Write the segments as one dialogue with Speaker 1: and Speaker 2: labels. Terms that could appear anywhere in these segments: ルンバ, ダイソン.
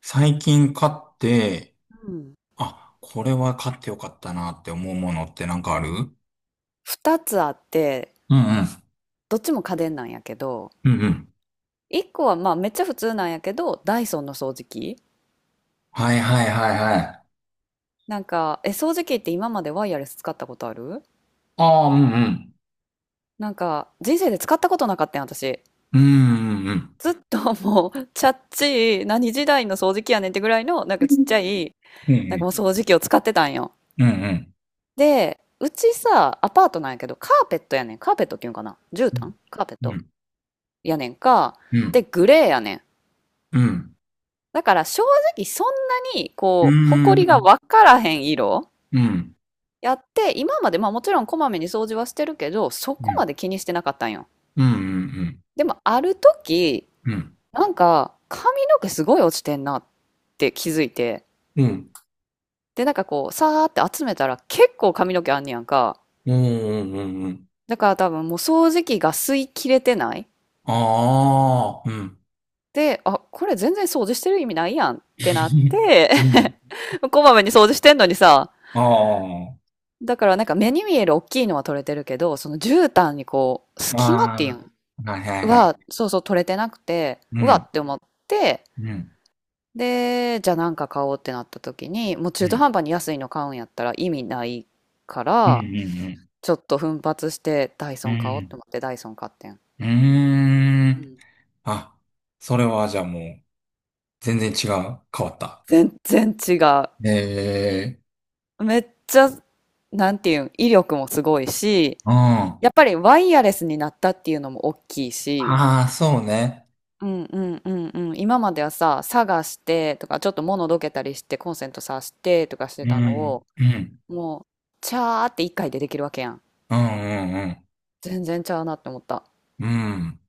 Speaker 1: 最近買って、
Speaker 2: うん
Speaker 1: あ、これは買ってよかったなって思うものってなんかあるう？
Speaker 2: 2つあって、
Speaker 1: んうん。
Speaker 2: どっちも家電なんやけど、
Speaker 1: うんうん。
Speaker 2: 1個はまあめっちゃ普通なんやけど、ダイソンの掃除機。
Speaker 1: はいはいはいはい。
Speaker 2: なんかえ掃除機って今までワイヤレス使ったことある？
Speaker 1: ああ、うんうん。
Speaker 2: 人生で使ったことなかったん、私。
Speaker 1: うんうんうん。
Speaker 2: ずっともうチャッチー何時代の掃除機やねんってぐらいの、ちっちゃい
Speaker 1: うんうん。
Speaker 2: もう掃除機を使ってたんよ。
Speaker 1: うんうん。
Speaker 2: で、うちさ、アパートなんやけどカーペットやねん。カーペットっていうんかな、絨毯カーペッ
Speaker 1: う
Speaker 2: ト
Speaker 1: ん
Speaker 2: やねんか。
Speaker 1: う
Speaker 2: で
Speaker 1: ん。
Speaker 2: グレーやねん。
Speaker 1: うん
Speaker 2: だから正直そんなに
Speaker 1: う
Speaker 2: こう、埃が
Speaker 1: ん。
Speaker 2: 分からへん色
Speaker 1: うん。うん
Speaker 2: やって、今までまあもちろんこまめに掃除はしてるけど、そこまで気にしてなかったんよ。
Speaker 1: うんうん。
Speaker 2: でもある時、
Speaker 1: うん。
Speaker 2: 髪の毛すごい落ちてんなって気づいて、
Speaker 1: うんうん
Speaker 2: で、さーって集めたら結構髪の毛あんねやんか。
Speaker 1: うんうん。
Speaker 2: だから多分もう掃除機が吸い切れてない。
Speaker 1: ああ、うん。
Speaker 2: で、あ、これ全然掃除してる意味ないやんってなって、
Speaker 1: うん。
Speaker 2: こまめに掃除してんのにさ、
Speaker 1: あ
Speaker 2: だから目に見える大きいのは取れてるけど、その絨毯にこう、
Speaker 1: あ、
Speaker 2: 隙間っていう
Speaker 1: あ
Speaker 2: ん
Speaker 1: あ、はいはいはい。
Speaker 2: は、そうそう取れてなくて、
Speaker 1: う
Speaker 2: うわ
Speaker 1: ん。
Speaker 2: って思って、
Speaker 1: うん。
Speaker 2: で、じゃあ買おうってなった時に、もう
Speaker 1: う
Speaker 2: 中途
Speaker 1: ん。
Speaker 2: 半端に安いの買うんやったら意味ないか
Speaker 1: うんう
Speaker 2: ら、
Speaker 1: んうん
Speaker 2: ちょっと奮発してダイ
Speaker 1: う
Speaker 2: ソン買おうっ
Speaker 1: ん。
Speaker 2: て思ってダイソン買ってん。
Speaker 1: うー
Speaker 2: う
Speaker 1: ん。
Speaker 2: ん。
Speaker 1: あ、それはじゃあもう、全然違う。変わった。
Speaker 2: 全然違
Speaker 1: ええ、
Speaker 2: う。めっちゃ、なんていうん、威力もすごいし、
Speaker 1: うん。あ
Speaker 2: やっぱりワイヤレスになったっていうのも大きいし、
Speaker 1: あ、そうね。
Speaker 2: うん。今まではさ、探してとか、ちょっと物どけたりして、コンセント挿してとかして
Speaker 1: う
Speaker 2: たの
Speaker 1: ん、
Speaker 2: を、
Speaker 1: うん、
Speaker 2: もう、チャーって一回でできるわけやん。
Speaker 1: うん、うん、うん。
Speaker 2: 全然ちゃうなって思った。
Speaker 1: うん。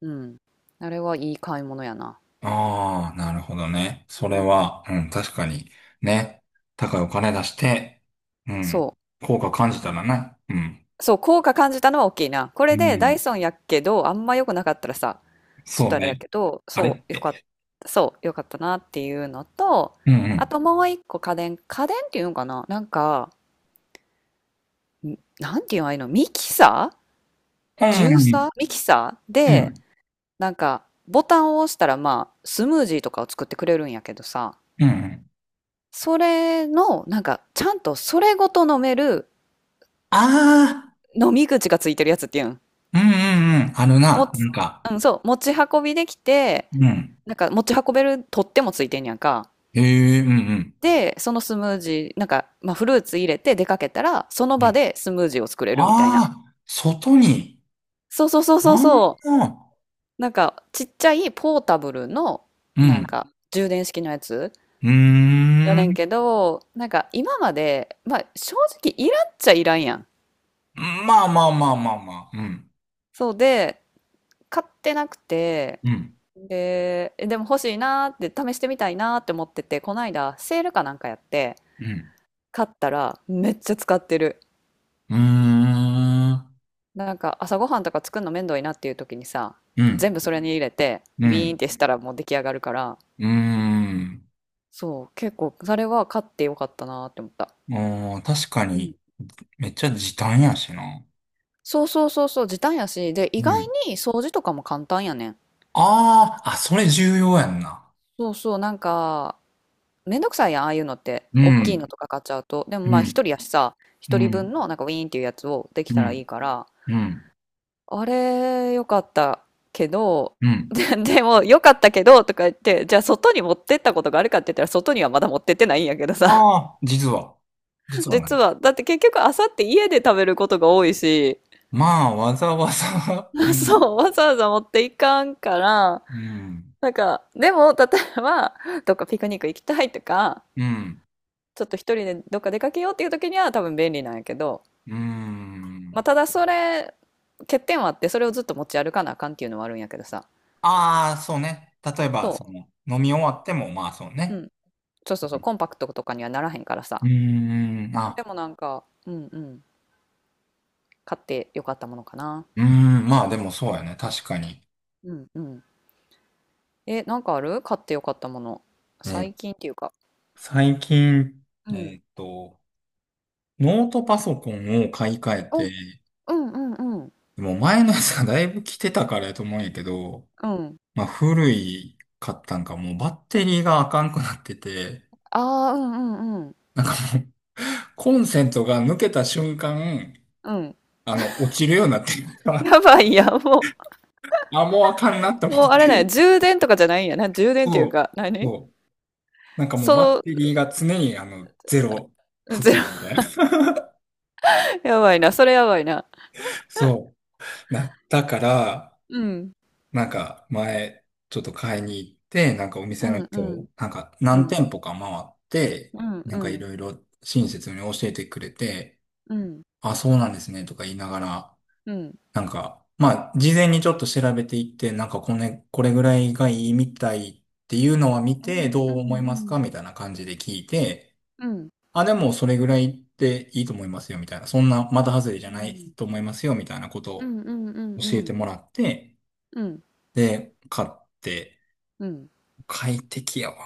Speaker 2: うん。あれはいい買い物やな。
Speaker 1: ああ、なるほどね。そ
Speaker 2: う
Speaker 1: れ
Speaker 2: ん。
Speaker 1: は、うん、確かに、ね。高いお金出して、うん、
Speaker 2: そう。
Speaker 1: 効果感じたらな。うん、
Speaker 2: そう、効果感じたのは大きいな。こ
Speaker 1: う
Speaker 2: れでダ
Speaker 1: ん、
Speaker 2: イソンやけど、あんま良くなかったらさ、ちょっ
Speaker 1: そ
Speaker 2: と
Speaker 1: う
Speaker 2: あれや
Speaker 1: ね。
Speaker 2: けど、
Speaker 1: あれって。
Speaker 2: そう、よかったなっていうのと、
Speaker 1: うん、う
Speaker 2: あ
Speaker 1: ん、
Speaker 2: ともう一個家電、家電っていうのかな、なんか、んなんていうのああいうの、ミキサー、
Speaker 1: う
Speaker 2: ジュー
Speaker 1: ん、
Speaker 2: サーミキサー
Speaker 1: う
Speaker 2: で、
Speaker 1: ん、
Speaker 2: ボタンを押したら、まあ、スムージーとかを作ってくれるんやけどさ、
Speaker 1: うん。うん。
Speaker 2: それの、ちゃんとそれごと飲める
Speaker 1: ああー、
Speaker 2: 飲み口がついてるやつっていうん。
Speaker 1: うんうんうん。ある
Speaker 2: お
Speaker 1: な、
Speaker 2: つ
Speaker 1: なんか、
Speaker 2: うん、そう、持ち運びできて、
Speaker 1: うん。
Speaker 2: 持ち運べる取っ手もついてんやんか。
Speaker 1: へえ、うんうん。
Speaker 2: で、そのスムージー、まあ、フルーツ入れて出かけたら、その
Speaker 1: う
Speaker 2: 場
Speaker 1: ん。
Speaker 2: でスムージーを作れるみたいな。
Speaker 1: ああ、外に。
Speaker 2: そうそうそうそう
Speaker 1: あ
Speaker 2: そ
Speaker 1: あ、
Speaker 2: う。ちっちゃいポータブルの、
Speaker 1: う
Speaker 2: なん
Speaker 1: ん。
Speaker 2: か、充電式のやつ
Speaker 1: うー
Speaker 2: よね年
Speaker 1: ん。
Speaker 2: けど、今まで、まあ正直いらんっちゃいらんやん。
Speaker 1: まあまあまあまあまあ。うん。
Speaker 2: そうで、買ってなくて、
Speaker 1: うん。
Speaker 2: で、でも欲しいなーって試してみたいなーって思ってて、こないだセールかなんかやって、
Speaker 1: うん。
Speaker 2: 買ったらめっちゃ使ってる。
Speaker 1: うーん。
Speaker 2: 朝ごはんとか作るの面倒いなっていう時にさ、
Speaker 1: うん。
Speaker 2: 全部それに入れて、
Speaker 1: う
Speaker 2: ビーンっ
Speaker 1: ん。
Speaker 2: てしたらもう出来上がるから、
Speaker 1: うーん。
Speaker 2: そう、結構それは買ってよかったなーって思った。
Speaker 1: あー、確か
Speaker 2: う
Speaker 1: に、
Speaker 2: ん。
Speaker 1: めっちゃ時短やしな。
Speaker 2: そうそうそうそう、時短やし、で、意
Speaker 1: う
Speaker 2: 外
Speaker 1: ん。
Speaker 2: に掃除とかも簡単やねん。
Speaker 1: ああ、あ、それ重要やんな。
Speaker 2: そうそう、めんどくさいやん、ああいうのって。
Speaker 1: う
Speaker 2: 大きいの
Speaker 1: ん。
Speaker 2: とか買っちゃうと。でも
Speaker 1: う
Speaker 2: まあ、一
Speaker 1: ん。
Speaker 2: 人やしさ、
Speaker 1: う
Speaker 2: 一人
Speaker 1: ん。
Speaker 2: 分のなんかウィーンっていうやつをでき
Speaker 1: う
Speaker 2: たらい
Speaker 1: ん。
Speaker 2: いから、
Speaker 1: うん。
Speaker 2: あれ、よかったけど、
Speaker 1: う ん。
Speaker 2: で、でも、よかったけど、とか言って、じゃあ外に持ってったことがあるかって言ったら、外にはまだ持ってってないんやけどさ。
Speaker 1: ああ、実は。実はな
Speaker 2: 実
Speaker 1: い。
Speaker 2: は、だって結局、あさって家で食べることが多いし、
Speaker 1: まあ、わざわざ う ん、
Speaker 2: そう、わざわざ持っていかんから、
Speaker 1: うん、
Speaker 2: でも、例えば、どっかピクニック行きたいとか、
Speaker 1: うん、
Speaker 2: ちょっと一人でどっか出かけようっていう時には多分便利なんやけど、
Speaker 1: う
Speaker 2: ま
Speaker 1: ん。
Speaker 2: あ、ただそれ欠点はあって、それをずっと持ち歩かなあかんっていうのはあるんやけどさ。
Speaker 1: ああ、そうね。例えば、
Speaker 2: そ
Speaker 1: その、飲み終わっても、まあ、そう
Speaker 2: う。う
Speaker 1: ね。
Speaker 2: ん。そうそうそう、コンパクトとかにはならへんから
Speaker 1: う
Speaker 2: さ。
Speaker 1: ーん、
Speaker 2: で
Speaker 1: あ、
Speaker 2: も買ってよかったものかな。
Speaker 1: うーん、まあでもそうやね、確かに。
Speaker 2: うんうんえ、なんかある買ってよかったもの、
Speaker 1: えー
Speaker 2: 最近っていうか。
Speaker 1: 最近、
Speaker 2: う
Speaker 1: え
Speaker 2: ん
Speaker 1: ーっと、ノートパソコンを買い替え
Speaker 2: お。
Speaker 1: て、
Speaker 2: うんうんうん
Speaker 1: でも前のやつがだいぶ来てたからやと思うんやけど、
Speaker 2: うん
Speaker 1: まあ古い買ったんか、もうバッテリーがあかんくなってて、
Speaker 2: ああー、うんうん
Speaker 1: コンセントが抜けた瞬間、
Speaker 2: うん
Speaker 1: あの、落ちるようになってるか ら、
Speaker 2: やばいやん、も
Speaker 1: あ、もうあかんなと
Speaker 2: う。
Speaker 1: 思
Speaker 2: も
Speaker 1: っ
Speaker 2: うあれだよ、
Speaker 1: て、
Speaker 2: 充電とかじゃないんやな。充電っていう
Speaker 1: そ
Speaker 2: か
Speaker 1: う、
Speaker 2: 何。
Speaker 1: そう。なんかもう
Speaker 2: そ
Speaker 1: バッ
Speaker 2: の
Speaker 1: テリーが常にあの、ゼロ
Speaker 2: うん、
Speaker 1: 付
Speaker 2: ゼロ、
Speaker 1: 近みたいな。
Speaker 2: やばいな、それやばいな。
Speaker 1: そう、なったから、
Speaker 2: うん。
Speaker 1: なんか前、ちょっと買いに行って、なんかお
Speaker 2: う
Speaker 1: 店の
Speaker 2: ん、うん、
Speaker 1: 人、なんか
Speaker 2: う
Speaker 1: 何
Speaker 2: ん、
Speaker 1: 店舗か回って、
Speaker 2: うん、
Speaker 1: な
Speaker 2: う
Speaker 1: んかい
Speaker 2: ん、
Speaker 1: ろいろ親切に教えてくれて、
Speaker 2: うん、うん、
Speaker 1: あ、そうなんですね、とか言いながら、
Speaker 2: うん、
Speaker 1: なんか、まあ、事前にちょっと調べていって、なんかこれ、これぐらいがいいみたいっていうのは見
Speaker 2: う
Speaker 1: て、
Speaker 2: ん、う
Speaker 1: どう思います
Speaker 2: ん、
Speaker 1: かみたいな感じで聞いて、
Speaker 2: うん、うん、
Speaker 1: あ、でもそれぐらいでいいと思いますよ、みたいな。そんな、また外れじゃないと思いますよ、みたいなこと
Speaker 2: う
Speaker 1: を
Speaker 2: ん、うん、う
Speaker 1: 教えて
Speaker 2: ん、
Speaker 1: もらって、
Speaker 2: うん、
Speaker 1: で、買って、
Speaker 2: うん。
Speaker 1: 快適やわ。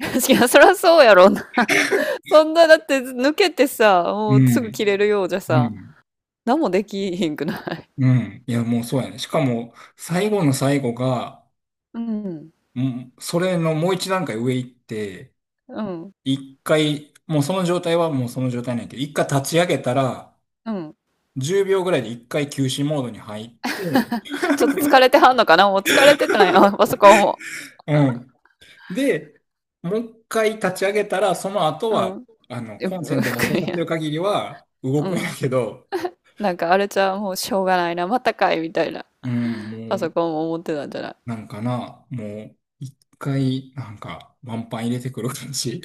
Speaker 2: 確かに、そりゃそうやろうな。そんな、だって抜けてさ、
Speaker 1: う
Speaker 2: もうすぐ
Speaker 1: ん、
Speaker 2: 切れるようじゃ
Speaker 1: う
Speaker 2: さ、
Speaker 1: ん、
Speaker 2: 何もできひんくな。
Speaker 1: うん。いや、もうそうやね。しかも、最後の最後が、
Speaker 2: うん、
Speaker 1: うん、それのもう一段階上行って、
Speaker 2: うん、
Speaker 1: 一回、もうその状態はもうその状態なんやけど、一回立ち上げたら、
Speaker 2: うん。
Speaker 1: 10秒ぐらいで一回休止モードに入って、
Speaker 2: ちょっと疲れてはんのかな、もう疲れてたんや、あそこも。
Speaker 1: うん。で、もう一回立ち上げたら、その後
Speaker 2: う
Speaker 1: は、
Speaker 2: ん。
Speaker 1: あの、
Speaker 2: え。
Speaker 1: コンセントが刺さってる 限りは動
Speaker 2: う
Speaker 1: くんや
Speaker 2: ん。
Speaker 1: けど、
Speaker 2: なんかあれじゃう、もうしょうがないな、またかい、みたいな。
Speaker 1: うん、も
Speaker 2: パ
Speaker 1: う、
Speaker 2: ソコンも持ってたんじゃない。
Speaker 1: なんかな、もう、一回、なんか、ワンパン入れてくる感じ。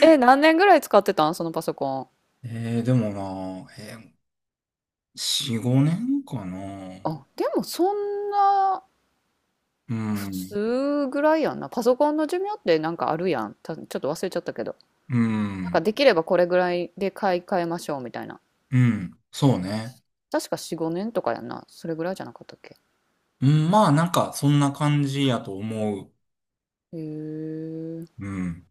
Speaker 2: え、何年ぐらい使ってたん、そのパソコン。
Speaker 1: でもな、4、5年かな。
Speaker 2: あ、でもそんな
Speaker 1: う
Speaker 2: 普
Speaker 1: ん、
Speaker 2: 通ぐらいやんな。パソコンの寿命ってなんかあるやん。たちょっと忘れちゃったけど。
Speaker 1: う
Speaker 2: なんか
Speaker 1: ん、
Speaker 2: できればこれぐらいで買い替えましょうみたいな。
Speaker 1: うん、そうね。
Speaker 2: 確か4、5年とかやんな。それぐらいじゃなかったっけ。
Speaker 1: うん、まあ、なんか、そんな感じやと思う。
Speaker 2: へえ。
Speaker 1: うん。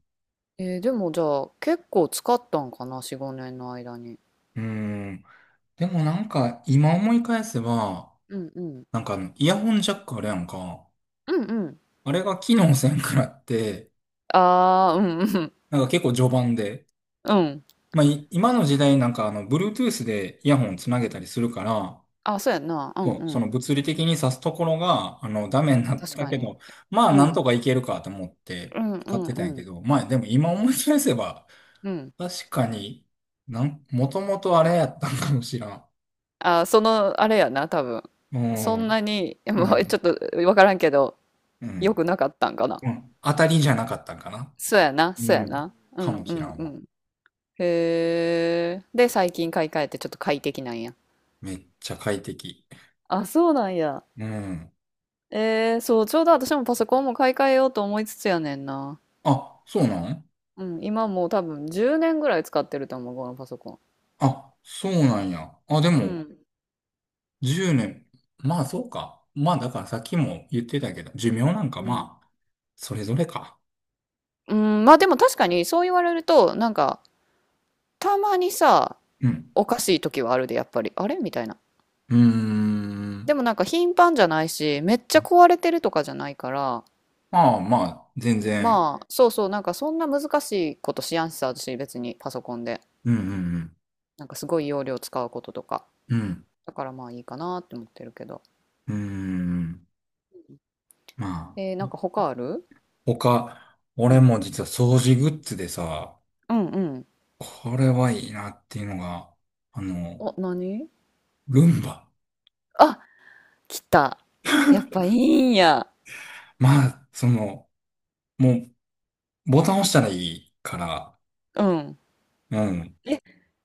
Speaker 2: えー、でもじゃあ結構使ったんかな、4、5年の間に。
Speaker 1: うん。でもなんか、今思い返せば、
Speaker 2: うんうん。
Speaker 1: なんかあの、イヤホンジャックあれやんか。
Speaker 2: うんうん。
Speaker 1: あれが機能せんくらって、
Speaker 2: ああ、うんうん。
Speaker 1: なんか結構序盤で。
Speaker 2: うん。
Speaker 1: まあ、今の時代なんかあの、Bluetooth でイヤホンつなげたりするから、
Speaker 2: あ、そうやんな。うん
Speaker 1: そ
Speaker 2: う
Speaker 1: う、その
Speaker 2: ん。
Speaker 1: 物理的に挿すところが、あの、ダメになっ
Speaker 2: 確
Speaker 1: た
Speaker 2: か
Speaker 1: け
Speaker 2: に。
Speaker 1: ど、まあ、
Speaker 2: う
Speaker 1: なん
Speaker 2: ん。
Speaker 1: とかいけるかと思っ
Speaker 2: う
Speaker 1: て
Speaker 2: んう
Speaker 1: 使って
Speaker 2: ん
Speaker 1: た
Speaker 2: う
Speaker 1: んやけ
Speaker 2: ん。
Speaker 1: ど、まあ、でも今思い返せば、
Speaker 2: うん。
Speaker 1: 確かに、もともとあれやったんかもしらん。
Speaker 2: あ、その、あれやな、多分。
Speaker 1: う
Speaker 2: そん
Speaker 1: ん、
Speaker 2: なに、
Speaker 1: う
Speaker 2: もうち
Speaker 1: ん、
Speaker 2: ょっとわからんけど、
Speaker 1: う
Speaker 2: 良
Speaker 1: ん。
Speaker 2: くなかったんかな。
Speaker 1: うん、当たりじゃなかったんかな。
Speaker 2: そうやな、そ
Speaker 1: う
Speaker 2: うや
Speaker 1: ん。
Speaker 2: な。う
Speaker 1: か
Speaker 2: ん
Speaker 1: も
Speaker 2: う
Speaker 1: しら
Speaker 2: ん
Speaker 1: ん
Speaker 2: う
Speaker 1: わ。
Speaker 2: ん。へえ。で、最近買い替えてちょっと快適なんや。
Speaker 1: めっちゃ快適。
Speaker 2: あ、そうなんや。
Speaker 1: うん。
Speaker 2: えー、そう、ちょうど私もパソコンも買い替えようと思いつつやねんな。
Speaker 1: あ、そうなん
Speaker 2: うん、今もう多分10年ぐらい使ってると思う、このパソコン。
Speaker 1: あ、そうなんや。あ、で
Speaker 2: う
Speaker 1: も、
Speaker 2: ん。
Speaker 1: 10年。まあ、そうか。まあ、だからさっきも言ってたけど、寿命なんか
Speaker 2: うん。
Speaker 1: まあ、それぞれか。
Speaker 2: うん、まあでも確かにそう言われると、なんか、たまにさ、
Speaker 1: うん。
Speaker 2: おかしい時はあるで、やっぱり。あれみたいな。
Speaker 1: うーん。
Speaker 2: でもなんか頻繁じゃないし、めっちゃ壊れてるとかじゃないから、
Speaker 1: まあまあ、全然。
Speaker 2: まあ、そうそう、なんかそんな難しいことしやんしさ、私別にパソコンで。
Speaker 1: うんうん
Speaker 2: なんかすごい容量使うこととか。
Speaker 1: うん。うん。
Speaker 2: だからまあいいかなって思ってるけど。
Speaker 1: うーん。ま
Speaker 2: え
Speaker 1: あ、
Speaker 2: ー、なんか他ある？
Speaker 1: 他、
Speaker 2: う
Speaker 1: 俺
Speaker 2: ん。
Speaker 1: も実は掃除グッズでさ、
Speaker 2: うんうん。
Speaker 1: これはいいなっていうのが、あの、
Speaker 2: お、何？
Speaker 1: ルンバ。
Speaker 2: あ、来た。やっぱいいんや。
Speaker 1: まあ、その、もう、ボタン押したらいいから、
Speaker 2: うん。
Speaker 1: うん。
Speaker 2: え、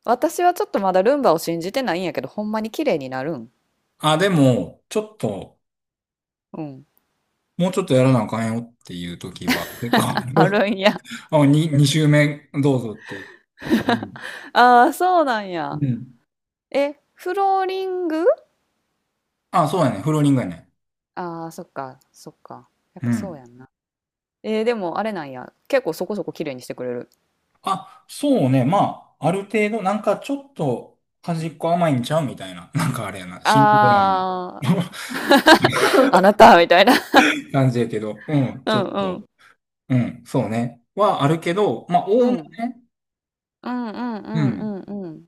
Speaker 2: 私はちょっとまだルンバを信じてないんやけど、ほんまに綺麗になるん？
Speaker 1: あ、でも、ちょっと、
Speaker 2: うん。
Speaker 1: もうちょっとやらなあかんよっていう時は、結構あ
Speaker 2: ある
Speaker 1: る。
Speaker 2: んや。
Speaker 1: あ、2周目、どうぞっていう。うん。
Speaker 2: ああ、そうなんや。
Speaker 1: うん。
Speaker 2: え、フローリング？
Speaker 1: あ、そうやね。フローリングやね。
Speaker 2: ああ、そっか、そっか。やっ
Speaker 1: う
Speaker 2: ぱそうや
Speaker 1: ん。
Speaker 2: んな。えー、でもあれなんや。結構そこそこ綺麗にしてくれる。
Speaker 1: あ、そうね。まあ、ある程度、なんかちょっと、端っこ甘いんちゃうみたいな。なんかあれやな。新宿ぐらいの
Speaker 2: ああ、あなたみたいな。
Speaker 1: 感じやけど、うん。
Speaker 2: う
Speaker 1: ちょ
Speaker 2: ん
Speaker 1: っ
Speaker 2: う
Speaker 1: と。
Speaker 2: ん。
Speaker 1: うん、そうね。はあるけど、まあ、
Speaker 2: う
Speaker 1: おおむ
Speaker 2: ん。
Speaker 1: ね、
Speaker 2: うんうんう
Speaker 1: うん、
Speaker 2: んうんうん。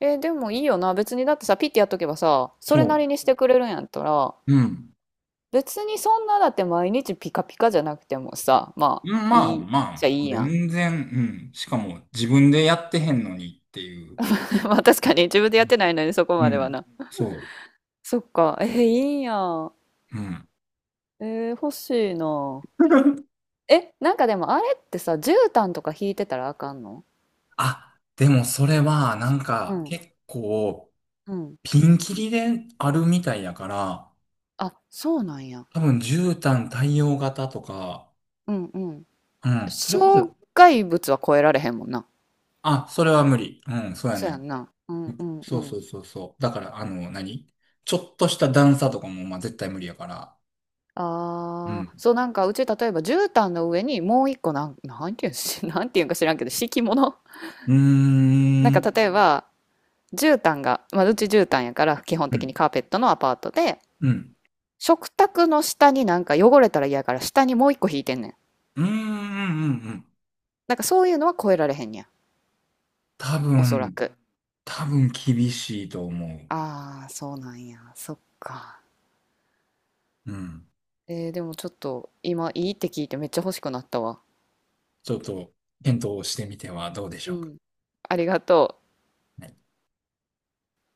Speaker 2: えー、でもいいよな。別にだってさ、ピッてやっとけばさ、そ
Speaker 1: そ
Speaker 2: れな
Speaker 1: う、
Speaker 2: りにしてくれるんやったら、
Speaker 1: うん。
Speaker 2: 別にそんなだって毎日ピカピカじゃなくてもさ、ま
Speaker 1: う
Speaker 2: あ、
Speaker 1: ん。まあ
Speaker 2: いい、
Speaker 1: ま
Speaker 2: じゃ
Speaker 1: あ、
Speaker 2: いいやん。
Speaker 1: 全然、うん。しかも、自分でやってへんのにっていう。
Speaker 2: まあ確かに自分でやってないのにそこ
Speaker 1: う
Speaker 2: までは
Speaker 1: ん、
Speaker 2: な。
Speaker 1: そ
Speaker 2: そっか。えー、いいやん。
Speaker 1: う、うん。
Speaker 2: えー、欲しいな。え、なんかでもあれってさ、絨毯とか引いてたらあかんの？
Speaker 1: あ、でもそれはなん
Speaker 2: う
Speaker 1: か
Speaker 2: ん、
Speaker 1: 結構
Speaker 2: うん。
Speaker 1: ピンキリであるみたいやから、
Speaker 2: あ、そうなんや。
Speaker 1: 多分絨毯対応型とか、
Speaker 2: うんうん。
Speaker 1: うん、それこそ、
Speaker 2: 障害物は超えられへんもんな。
Speaker 1: あ、それは無理。うん、そうや
Speaker 2: そうや
Speaker 1: ね。
Speaker 2: んな。うんうんう
Speaker 1: そう
Speaker 2: ん。
Speaker 1: そうそうそう。だから、あの、ちょっとした段差とかも、まあ、絶対無理やから。う
Speaker 2: ああ、
Speaker 1: ん。
Speaker 2: そうなんか、うち例えば絨毯の上にもう一個なん、なんていうんし、なんていうんか知らんけど敷物。
Speaker 1: うー
Speaker 2: なんか
Speaker 1: ん、
Speaker 2: 例えば絨毯が、まあ、うち絨毯やから基本
Speaker 1: う
Speaker 2: 的
Speaker 1: ん、
Speaker 2: にカーペットのアパートで、
Speaker 1: うん、
Speaker 2: 食卓の下になんか汚れたら嫌やから下にもう一個引いてんねん。
Speaker 1: うーん、うん、うん。
Speaker 2: なんかそういうのは超えられへんねや。
Speaker 1: 多
Speaker 2: おそら
Speaker 1: 分、
Speaker 2: く。
Speaker 1: 多分厳しいと思
Speaker 2: ああ、そうなんや。そっか。
Speaker 1: う。うん。
Speaker 2: えーでもちょっと今いいって聞いてめっちゃ欲しくなったわ。
Speaker 1: ちょっと、検討してみてはどうでしょ
Speaker 2: う
Speaker 1: うか。
Speaker 2: ん。ありがとう。